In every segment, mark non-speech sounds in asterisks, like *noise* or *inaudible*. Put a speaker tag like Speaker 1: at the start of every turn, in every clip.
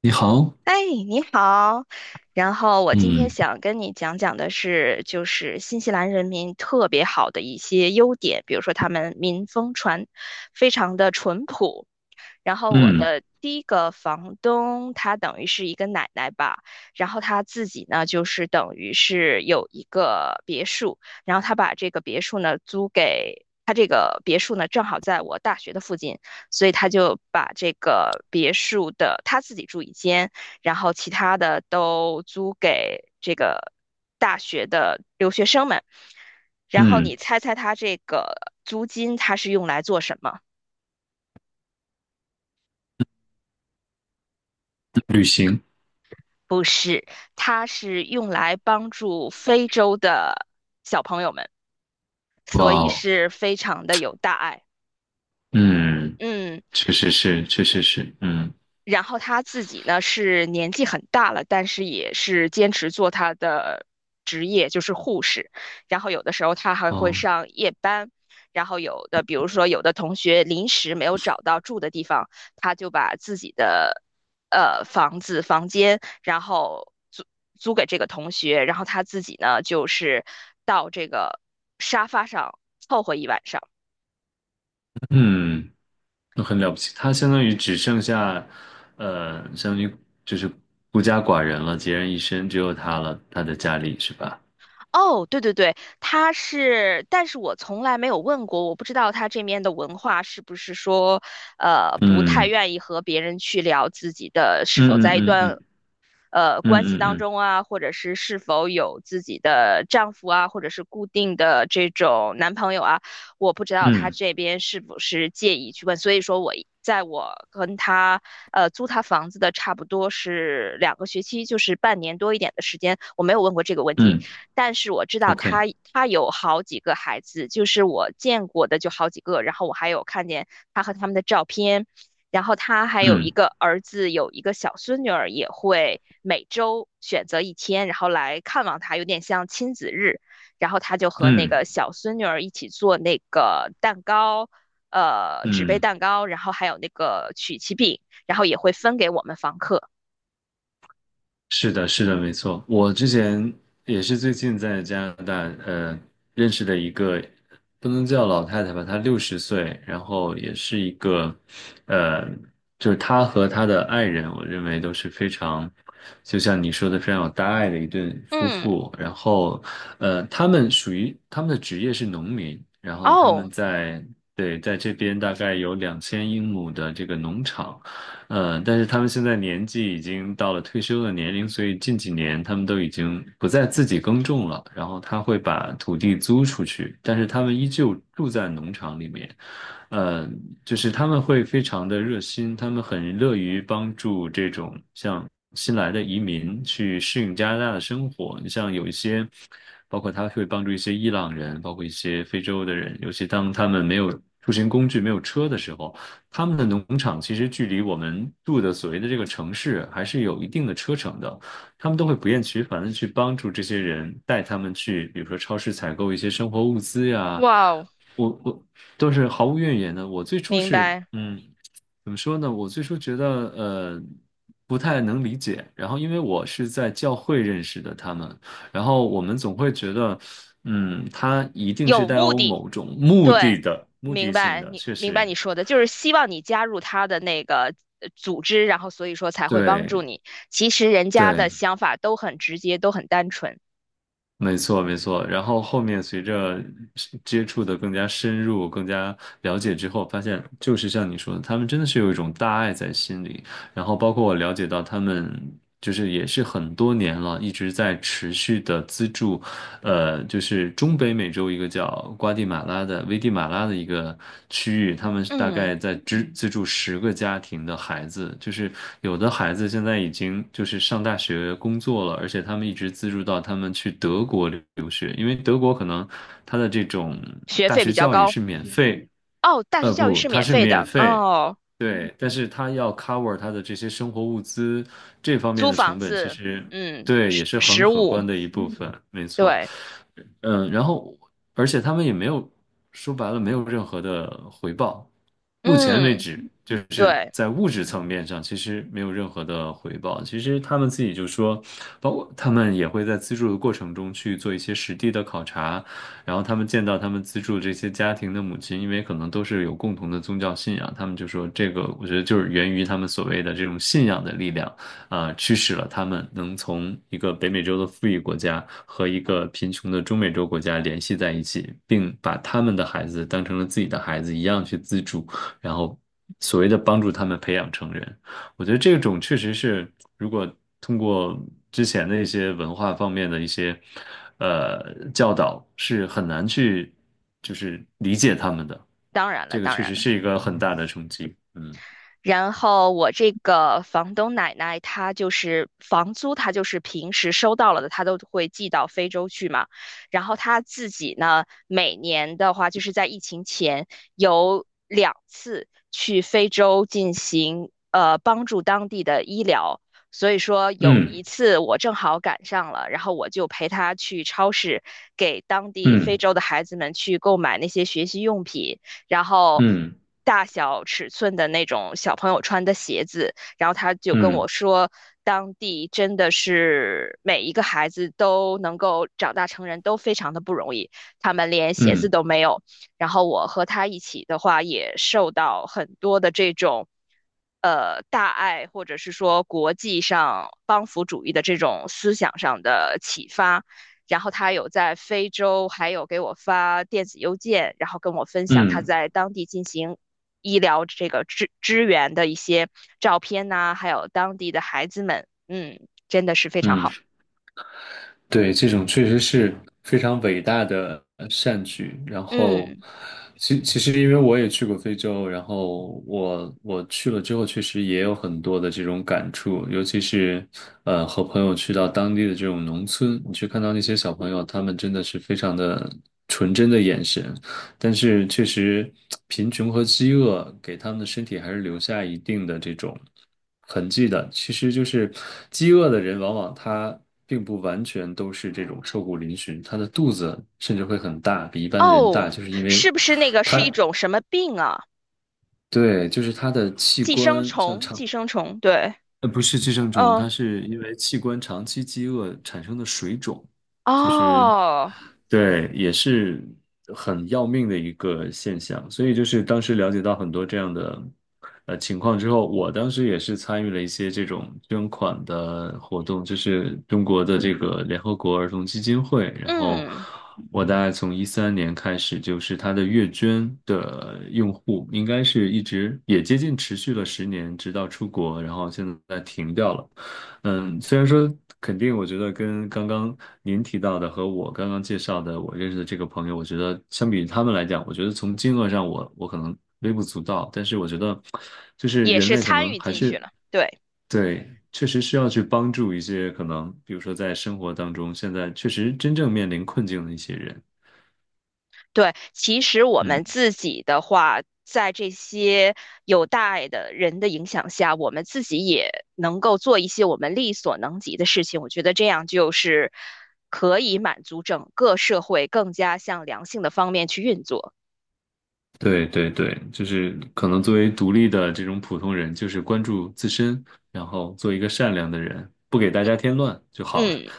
Speaker 1: 你好。
Speaker 2: 哎，你好。然后我今天
Speaker 1: 嗯
Speaker 2: 想跟你讲讲的是，就是新西兰人民特别好的一些优点，比如说他们民风传非常的淳朴。然后我
Speaker 1: 嗯
Speaker 2: 的第一个房东，她等于是一个奶奶吧。然后她自己呢，就是等于是有一个别墅，然后她把这个别墅呢租给他，这个别墅呢正好在我大学的附近，所以他就把这个别墅的他自己住一间，然后其他的都租给这个大学的留学生们。然后
Speaker 1: 嗯。
Speaker 2: 你猜猜他这个租金他是用来做什么？
Speaker 1: 旅行。
Speaker 2: 不是，它是用来帮助非洲的小朋友们，所
Speaker 1: 哇
Speaker 2: 以
Speaker 1: 哦。
Speaker 2: 是非常的有大爱。
Speaker 1: 嗯。
Speaker 2: 嗯。
Speaker 1: 确实是，确实是。嗯。
Speaker 2: 然后他自己呢是年纪很大了，但是也是坚持做他的职业，就是护士。然后有的时候他还会
Speaker 1: 哦。
Speaker 2: 上夜班，然后有的比如说有的同学临时没有找到住的地方，他就把自己的房间，然后租给这个同学，然后他自己呢就是到这个沙发上凑合一晚上。
Speaker 1: 嗯。那很了不起。他相当于只剩下，相当于就是孤家寡人了，孑然一身，只有他了，他的家里是吧？
Speaker 2: 哦，对对对，他是，但是我从来没有问过，我不知道他这面的文化是不是说，不太
Speaker 1: 嗯
Speaker 2: 愿意和别人去聊自己的，是否
Speaker 1: 嗯嗯
Speaker 2: 在一
Speaker 1: 嗯
Speaker 2: 段
Speaker 1: 嗯
Speaker 2: 关系
Speaker 1: 嗯
Speaker 2: 当
Speaker 1: 嗯
Speaker 2: 中啊，或者是是否有自己的丈夫啊，或者是固定的这种男朋友啊，我不知
Speaker 1: 嗯
Speaker 2: 道他
Speaker 1: 嗯
Speaker 2: 这边是不是介意去问，所以说我在我跟他租他房子的差不多是2个学期，就是半年多一点的时间，我没有问过这个问题，
Speaker 1: 嗯
Speaker 2: 但是我知道
Speaker 1: ，OK。
Speaker 2: 他有好几个孩子，就是我见过的就好几个，然后我还有看见他和他们的照片。然后他还有一
Speaker 1: 嗯
Speaker 2: 个儿子，有一个小孙女儿，也会每周选择一天，然后来看望他，有点像亲子日。然后他就和那
Speaker 1: 嗯嗯。
Speaker 2: 个小孙女儿一起做那个蛋糕，纸杯
Speaker 1: 嗯。
Speaker 2: 蛋糕，然后还有那个曲奇饼，然后也会分给我们房客。
Speaker 1: 是的，是的，没错。我之前也是最近在加拿大，呃，认识的一个不能叫老太太吧，她60岁，然后也是一个，呃，就是她和她的爱人，我认为都是非常，就像你说的，非常有大爱的一对夫
Speaker 2: 嗯，
Speaker 1: 妇。然后，他们属于他们的职业是农民，然后他
Speaker 2: 哦，
Speaker 1: 们在，对，在这边大概有2000英亩的这个农场。嗯，但是他们现在年纪已经到了退休的年龄，所以近几年他们都已经不再自己耕种了，然后他会把土地租出去，但是他们依旧住在农场里面。呃，就是他们会非常的热心，他们很乐于帮助这种像新来的移民去适应加拿大的生活。你像有一些，包括他会帮助一些伊朗人，包括一些非洲的人，尤其当他们没有出行工具、没有车的时候。他们的农场其实距离我们住的所谓的这个城市还是有一定的车程的，他们都会不厌其烦的去帮助这些人，带他们去，比如说超市采购一些生活物资呀，
Speaker 2: 哇哦，
Speaker 1: 我都是毫无怨言的。我最初
Speaker 2: 明
Speaker 1: 是，
Speaker 2: 白，
Speaker 1: 怎么说呢？我最初觉得呃不太能理解，然后因为我是在教会认识的他们，然后我们总会觉得，他一定是
Speaker 2: 有
Speaker 1: 带
Speaker 2: 目
Speaker 1: 有
Speaker 2: 的。
Speaker 1: 某种目
Speaker 2: 对，
Speaker 1: 的的、目的性的，确
Speaker 2: 明白
Speaker 1: 实，
Speaker 2: 你说的，就是希望你加入他的那个组织，然后所以说才会帮助
Speaker 1: 对
Speaker 2: 你。其实人家的
Speaker 1: 对，
Speaker 2: 想法都很直接，都很单纯。
Speaker 1: 没错，没错。然后后面随着是接触的更加深入、更加了解之后，发现就是像你说的，他们真的是有一种大爱在心里。然后包括我了解到，他们就是也是很多年了，一直在持续的资助就是中北美洲一个叫瓜地马拉的危地马拉的一个区域，他们大
Speaker 2: 嗯，
Speaker 1: 概在资助10个家庭的孩子，就是有的孩子现在已经就是上大学工作了，而且他们一直资助到他们去德国留学，因为德国可能他的这种
Speaker 2: 学
Speaker 1: 大
Speaker 2: 费比
Speaker 1: 学
Speaker 2: 较
Speaker 1: 教育
Speaker 2: 高
Speaker 1: 是免费。
Speaker 2: 哦，大学教育
Speaker 1: 不，
Speaker 2: 是
Speaker 1: 它
Speaker 2: 免
Speaker 1: 是
Speaker 2: 费
Speaker 1: 免
Speaker 2: 的
Speaker 1: 费，
Speaker 2: 哦，
Speaker 1: 对，但是它要 cover 它的这些生活物资这方面
Speaker 2: 租
Speaker 1: 的
Speaker 2: 房
Speaker 1: 成本，其
Speaker 2: 子，
Speaker 1: 实，
Speaker 2: 嗯，
Speaker 1: 对，也
Speaker 2: 食
Speaker 1: 是很
Speaker 2: 食
Speaker 1: 可
Speaker 2: 物，
Speaker 1: 观的一部分，没错。
Speaker 2: 对，
Speaker 1: 嗯，然后而且他们也没有说白了没有任何的回报，目前为
Speaker 2: 嗯，
Speaker 1: 止就是
Speaker 2: 对，
Speaker 1: 在物质层面上其实没有任何的回报。其实他们自己就说，包括他们也会在资助的过程中去做一些实地的考察，然后他们见到他们资助这些家庭的母亲，因为可能都是有共同的宗教信仰，他们就说这个，我觉得就是源于他们所谓的这种信仰的力量，啊、驱使了他们能从一个北美洲的富裕国家和一个贫穷的中美洲国家联系在一起，并把他们的孩子当成了自己的孩子一样去资助，然后所谓的帮助他们培养成人。我觉得这种确实是，如果通过之前的一些文化方面的一些教导，是很难去就是理解他们的。
Speaker 2: 当然了，
Speaker 1: 这个
Speaker 2: 当
Speaker 1: 确
Speaker 2: 然
Speaker 1: 实
Speaker 2: 了。
Speaker 1: 是一个很大的冲击。嗯
Speaker 2: 然后我这个房东奶奶，她就是房租，她就是平时收到了的，她都会寄到非洲去嘛。然后她自己呢，每年的话，就是在疫情前有2次去非洲进行帮助当地的医疗。所以说有一
Speaker 1: 嗯
Speaker 2: 次我正好赶上了，然后我就陪她去超市给当地非
Speaker 1: 嗯
Speaker 2: 洲的孩子们去购买那些学习用品。然后
Speaker 1: 嗯
Speaker 2: 大小尺寸的那种小朋友穿的鞋子，然后他就跟
Speaker 1: 嗯
Speaker 2: 我说，当地真的是每一个孩子都能够长大成人都非常的不容易，他们连鞋子
Speaker 1: 嗯
Speaker 2: 都没有。然后我和他一起的话，也受到很多的这种。大爱或者是说国际上帮扶主义的这种思想上的启发，然后他有在非洲，还有给我发电子邮件，然后跟我分
Speaker 1: 嗯
Speaker 2: 享他
Speaker 1: 嗯
Speaker 2: 在当地进行医疗这个支援的一些照片呐、还有当地的孩子们，嗯，真的是非常
Speaker 1: 嗯。
Speaker 2: 好。
Speaker 1: 对，这种确实是非常伟大的善举。然后，
Speaker 2: 嗯，
Speaker 1: 其实因为我也去过非洲，然后我去了之后，确实也有很多的这种感触，尤其是和朋友去到当地的这种农村，你去看到那些小朋友，他们真的是非常的纯真的眼神，但是确实，贫穷和饥饿给他们的身体还是留下一定的这种痕迹的。其实就是，饥饿的人往往他并不完全都是这种瘦骨嶙峋，他的肚子甚至会很大，比一般的人大，
Speaker 2: 哦，
Speaker 1: 就是因为
Speaker 2: 是不是那个
Speaker 1: 他，
Speaker 2: 是一种什么病啊？
Speaker 1: 对，就是他的器
Speaker 2: 寄生
Speaker 1: 官像
Speaker 2: 虫，
Speaker 1: 肠，
Speaker 2: 寄生虫，对，
Speaker 1: 不是寄生虫，它
Speaker 2: 嗯，
Speaker 1: 是因为器官长期饥饿产生的水肿。其实，
Speaker 2: 哦，
Speaker 1: 对，也是很要命的一个现象。所以就是当时了解到很多这样的情况之后，我当时也是参与了一些这种捐款的活动，就是中国的这个联合国儿童基金会。然后
Speaker 2: 嗯，
Speaker 1: 我大概从13年开始，就是它的月捐的用户应该是一直也接近持续了10年，直到出国，然后现在停掉了。嗯，虽然说肯定，我觉得跟刚刚您提到的和我刚刚介绍的我认识的这个朋友，我觉得相比于他们来讲，我觉得从金额上我可能微不足道，但是我觉得就是
Speaker 2: 也
Speaker 1: 人
Speaker 2: 是
Speaker 1: 类可
Speaker 2: 参
Speaker 1: 能
Speaker 2: 与
Speaker 1: 还
Speaker 2: 进去
Speaker 1: 是，
Speaker 2: 了，对。
Speaker 1: 对，确实需要去帮助一些可能，比如说在生活当中现在确实真正面临困境的一些人。
Speaker 2: 对，其实我
Speaker 1: 嗯，
Speaker 2: 们自己的话，在这些有大爱的人的影响下，我们自己也能够做一些我们力所能及的事情。我觉得这样就是可以满足整个社会更加向良性的方面去运作。
Speaker 1: 对对对，就是可能作为独立的这种普通人，就是关注自身，然后做一个善良的人，不给大家添乱就好了。
Speaker 2: 嗯，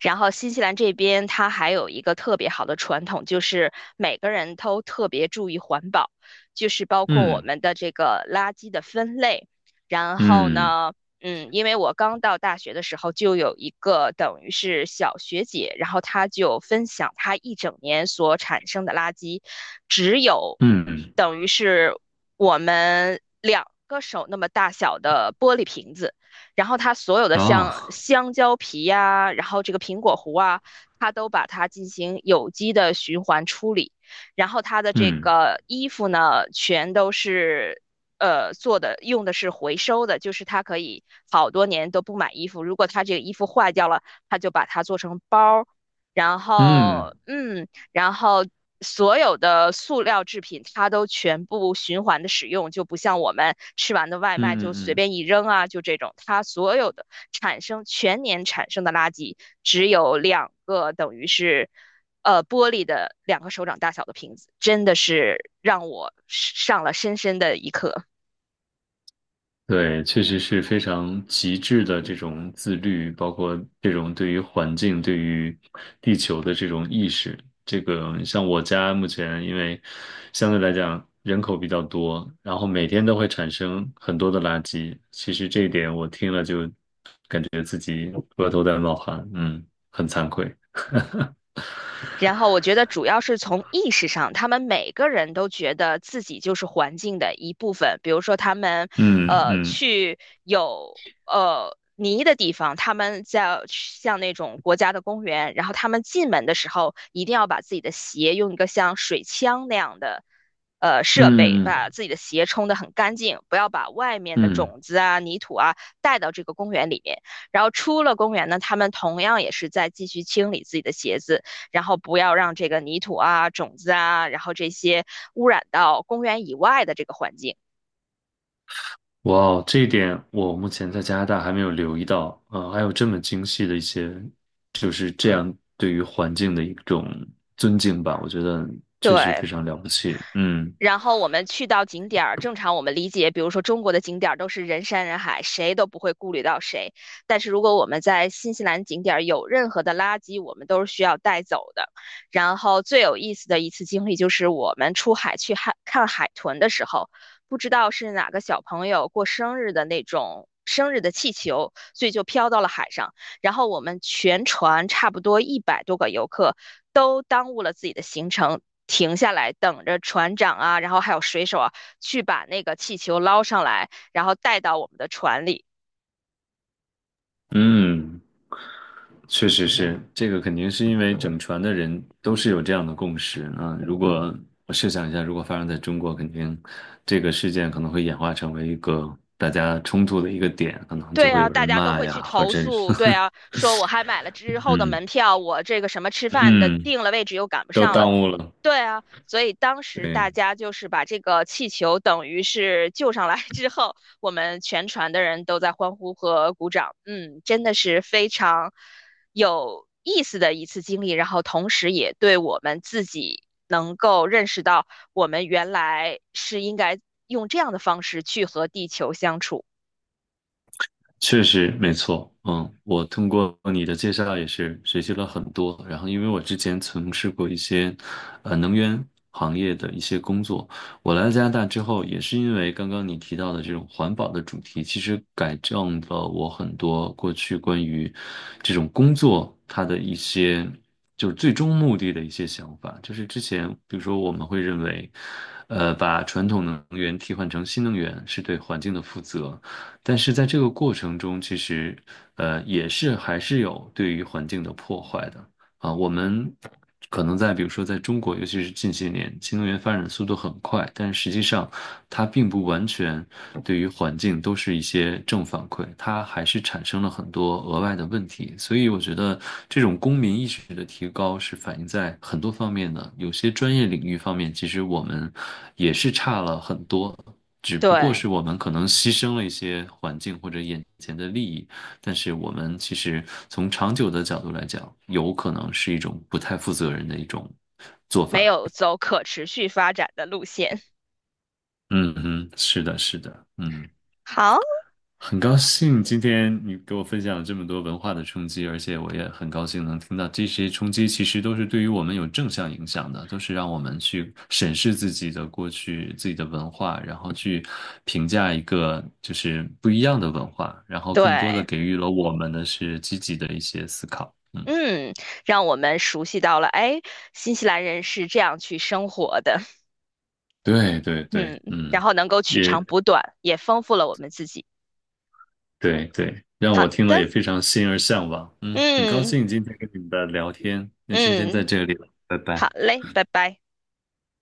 Speaker 2: 然后新西兰这边它还有一个特别好的传统，就是每个人都特别注意环保，就是包括我
Speaker 1: 嗯。
Speaker 2: 们的这个垃圾的分类。然后
Speaker 1: 嗯
Speaker 2: 呢，嗯，因为我刚到大学的时候就有一个等于是小学姐，然后她就分享她一整年所产生的垃圾，只有
Speaker 1: 嗯。
Speaker 2: 等于是我们两个手那么大小的玻璃瓶子。然后它所有的像
Speaker 1: 啊，
Speaker 2: 香蕉皮呀、然后这个苹果核啊，它都把它进行有机的循环处理。然后它的这
Speaker 1: 嗯
Speaker 2: 个衣服呢，全都是做的用的是回收的，就是它可以好多年都不买衣服，如果它这个衣服坏掉了，它就把它做成包儿。然后，
Speaker 1: 嗯
Speaker 2: 嗯，然后所有的塑料制品它都全部循环的使用，就不像我们吃完的
Speaker 1: 嗯
Speaker 2: 外卖就随
Speaker 1: 嗯嗯。
Speaker 2: 便一扔啊，就这种，它所有的全年产生的垃圾只有两个等于是。玻璃的两个手掌大小的瓶子，真的是让我上了深深的一课。
Speaker 1: 对，确实是非常极致的这种自律，包括这种对于环境、对于地球的这种意识。这个像我家目前，因为相对来讲人口比较多，然后每天都会产生很多的垃圾。其实这一点我听了就额头在冒汗，很惭愧。
Speaker 2: 然后我觉得主要是从意识上，他们每个人都觉得自己就是环境的一部分。比如说，他们
Speaker 1: 嗯嗯
Speaker 2: 去有泥的地方，他们在像那种国家的公园，然后他们进门的时候一定要把自己的鞋用一个像水枪那样的设备
Speaker 1: 嗯
Speaker 2: 把
Speaker 1: 嗯
Speaker 2: 自己的鞋冲得很干净，不要把外面的
Speaker 1: 嗯。
Speaker 2: 种子啊、泥土啊带到这个公园里面。然后出了公园呢，他们同样也是在继续清理自己的鞋子。然后不要让这个泥土啊、种子啊，然后这些污染到公园以外的这个环境。
Speaker 1: 哇哦，这一点我目前在加拿大还没有留意到，还有这么精细的一些，就是这样对于环境的一种尊敬吧，我觉得确实
Speaker 2: 对，
Speaker 1: 非常了不起。嗯
Speaker 2: 然后我们去到景点儿，正常我们理解，比如说中国的景点儿都是人山人海，谁都不会顾虑到谁。但是如果我们在新西兰景点儿有任何的垃圾，我们都是需要带走的。然后最有意思的一次经历就是我们出海去海看海豚的时候，不知道是哪个小朋友过生日的那种生日的气球，所以就飘到了海上。然后我们全船差不多100多个游客都耽误了自己的行程，停下来等着船长啊，然后还有水手啊，去把那个气球捞上来，然后带到我们的船里。
Speaker 1: 嗯，确实是，这个肯定是因为整船的人都是有这样的共识啊。如果我设想一下，如果发生在中国，肯定这个事件可能会演化成为一个大家冲突的一个点，可能就
Speaker 2: 对
Speaker 1: 会
Speaker 2: 啊，
Speaker 1: 有
Speaker 2: 大
Speaker 1: 人
Speaker 2: 家都
Speaker 1: 骂
Speaker 2: 会
Speaker 1: 呀，
Speaker 2: 去
Speaker 1: 或
Speaker 2: 投
Speaker 1: 者是
Speaker 2: 诉。对啊，
Speaker 1: *laughs*
Speaker 2: 说我还买了之后的
Speaker 1: 嗯
Speaker 2: 门票，我这个什么吃饭的
Speaker 1: 嗯，
Speaker 2: 定了位置又赶不
Speaker 1: 都
Speaker 2: 上了。
Speaker 1: 耽误了。
Speaker 2: 对啊，所以当时
Speaker 1: 对。
Speaker 2: 大家就是把这个气球等于是救上来 *laughs* 之后，我们全船的人都在欢呼和鼓掌。嗯，真的是非常有意思的一次经历，然后同时也对我们自己能够认识到，我们原来是应该用这样的方式去和地球相处，
Speaker 1: 确实没错，嗯，我通过你的介绍也是学习了很多。然后，因为我之前从事过一些能源行业的一些工作，我来加拿大之后，也是因为刚刚你提到的这种环保的主题，其实改正了我很多过去关于这种工作它的一些就是最终目的的一些想法。就是之前，比如说我们会认为，把传统能源替换成新能源是对环境的负责。但是在这个过程中，其实也是还是有对于环境的破坏的。啊，我们可能在比如说在中国，尤其是近些年，新能源发展的速度很快，但实际上它并不完全对于环境都是一些正反馈，它还是产生了很多额外的问题。所以我觉得这种公民意识的提高是反映在很多方面的，有些专业领域方面，其实我们也是差了很多。只不过
Speaker 2: 对，
Speaker 1: 是我们可能牺牲了一些环境或者眼前的利益，但是我们其实从长久的角度来讲，有可能是一种不太负责任的一种做
Speaker 2: 没
Speaker 1: 法。
Speaker 2: 有走可持续发展的路线。
Speaker 1: 嗯嗯，是的，是的，
Speaker 2: *laughs* 好，
Speaker 1: 很高兴今天你给我分享了这么多文化的冲击，而且我也很高兴能听到这些冲击其实都是对于我们有正向影响的，都是让我们去审视自己的过去、自己的文化，然后去评价一个就是不一样的文化，然后更多的
Speaker 2: 对。
Speaker 1: 给予了我们的是积极的一些思考。嗯。
Speaker 2: 嗯，让我们熟悉到了，哎，新西兰人是这样去生活的，*laughs*
Speaker 1: 对对对，
Speaker 2: 嗯，
Speaker 1: 嗯，
Speaker 2: 然后能够取长
Speaker 1: 也，
Speaker 2: 补短，也丰富了我们自己。
Speaker 1: 对对，让
Speaker 2: 好
Speaker 1: 我听了
Speaker 2: 的，
Speaker 1: 也非常心而向往。嗯，很高
Speaker 2: 嗯
Speaker 1: 兴今天跟你们的聊天，那今天在
Speaker 2: 嗯，
Speaker 1: 这里了，拜
Speaker 2: 好
Speaker 1: 拜。
Speaker 2: 嘞，拜拜。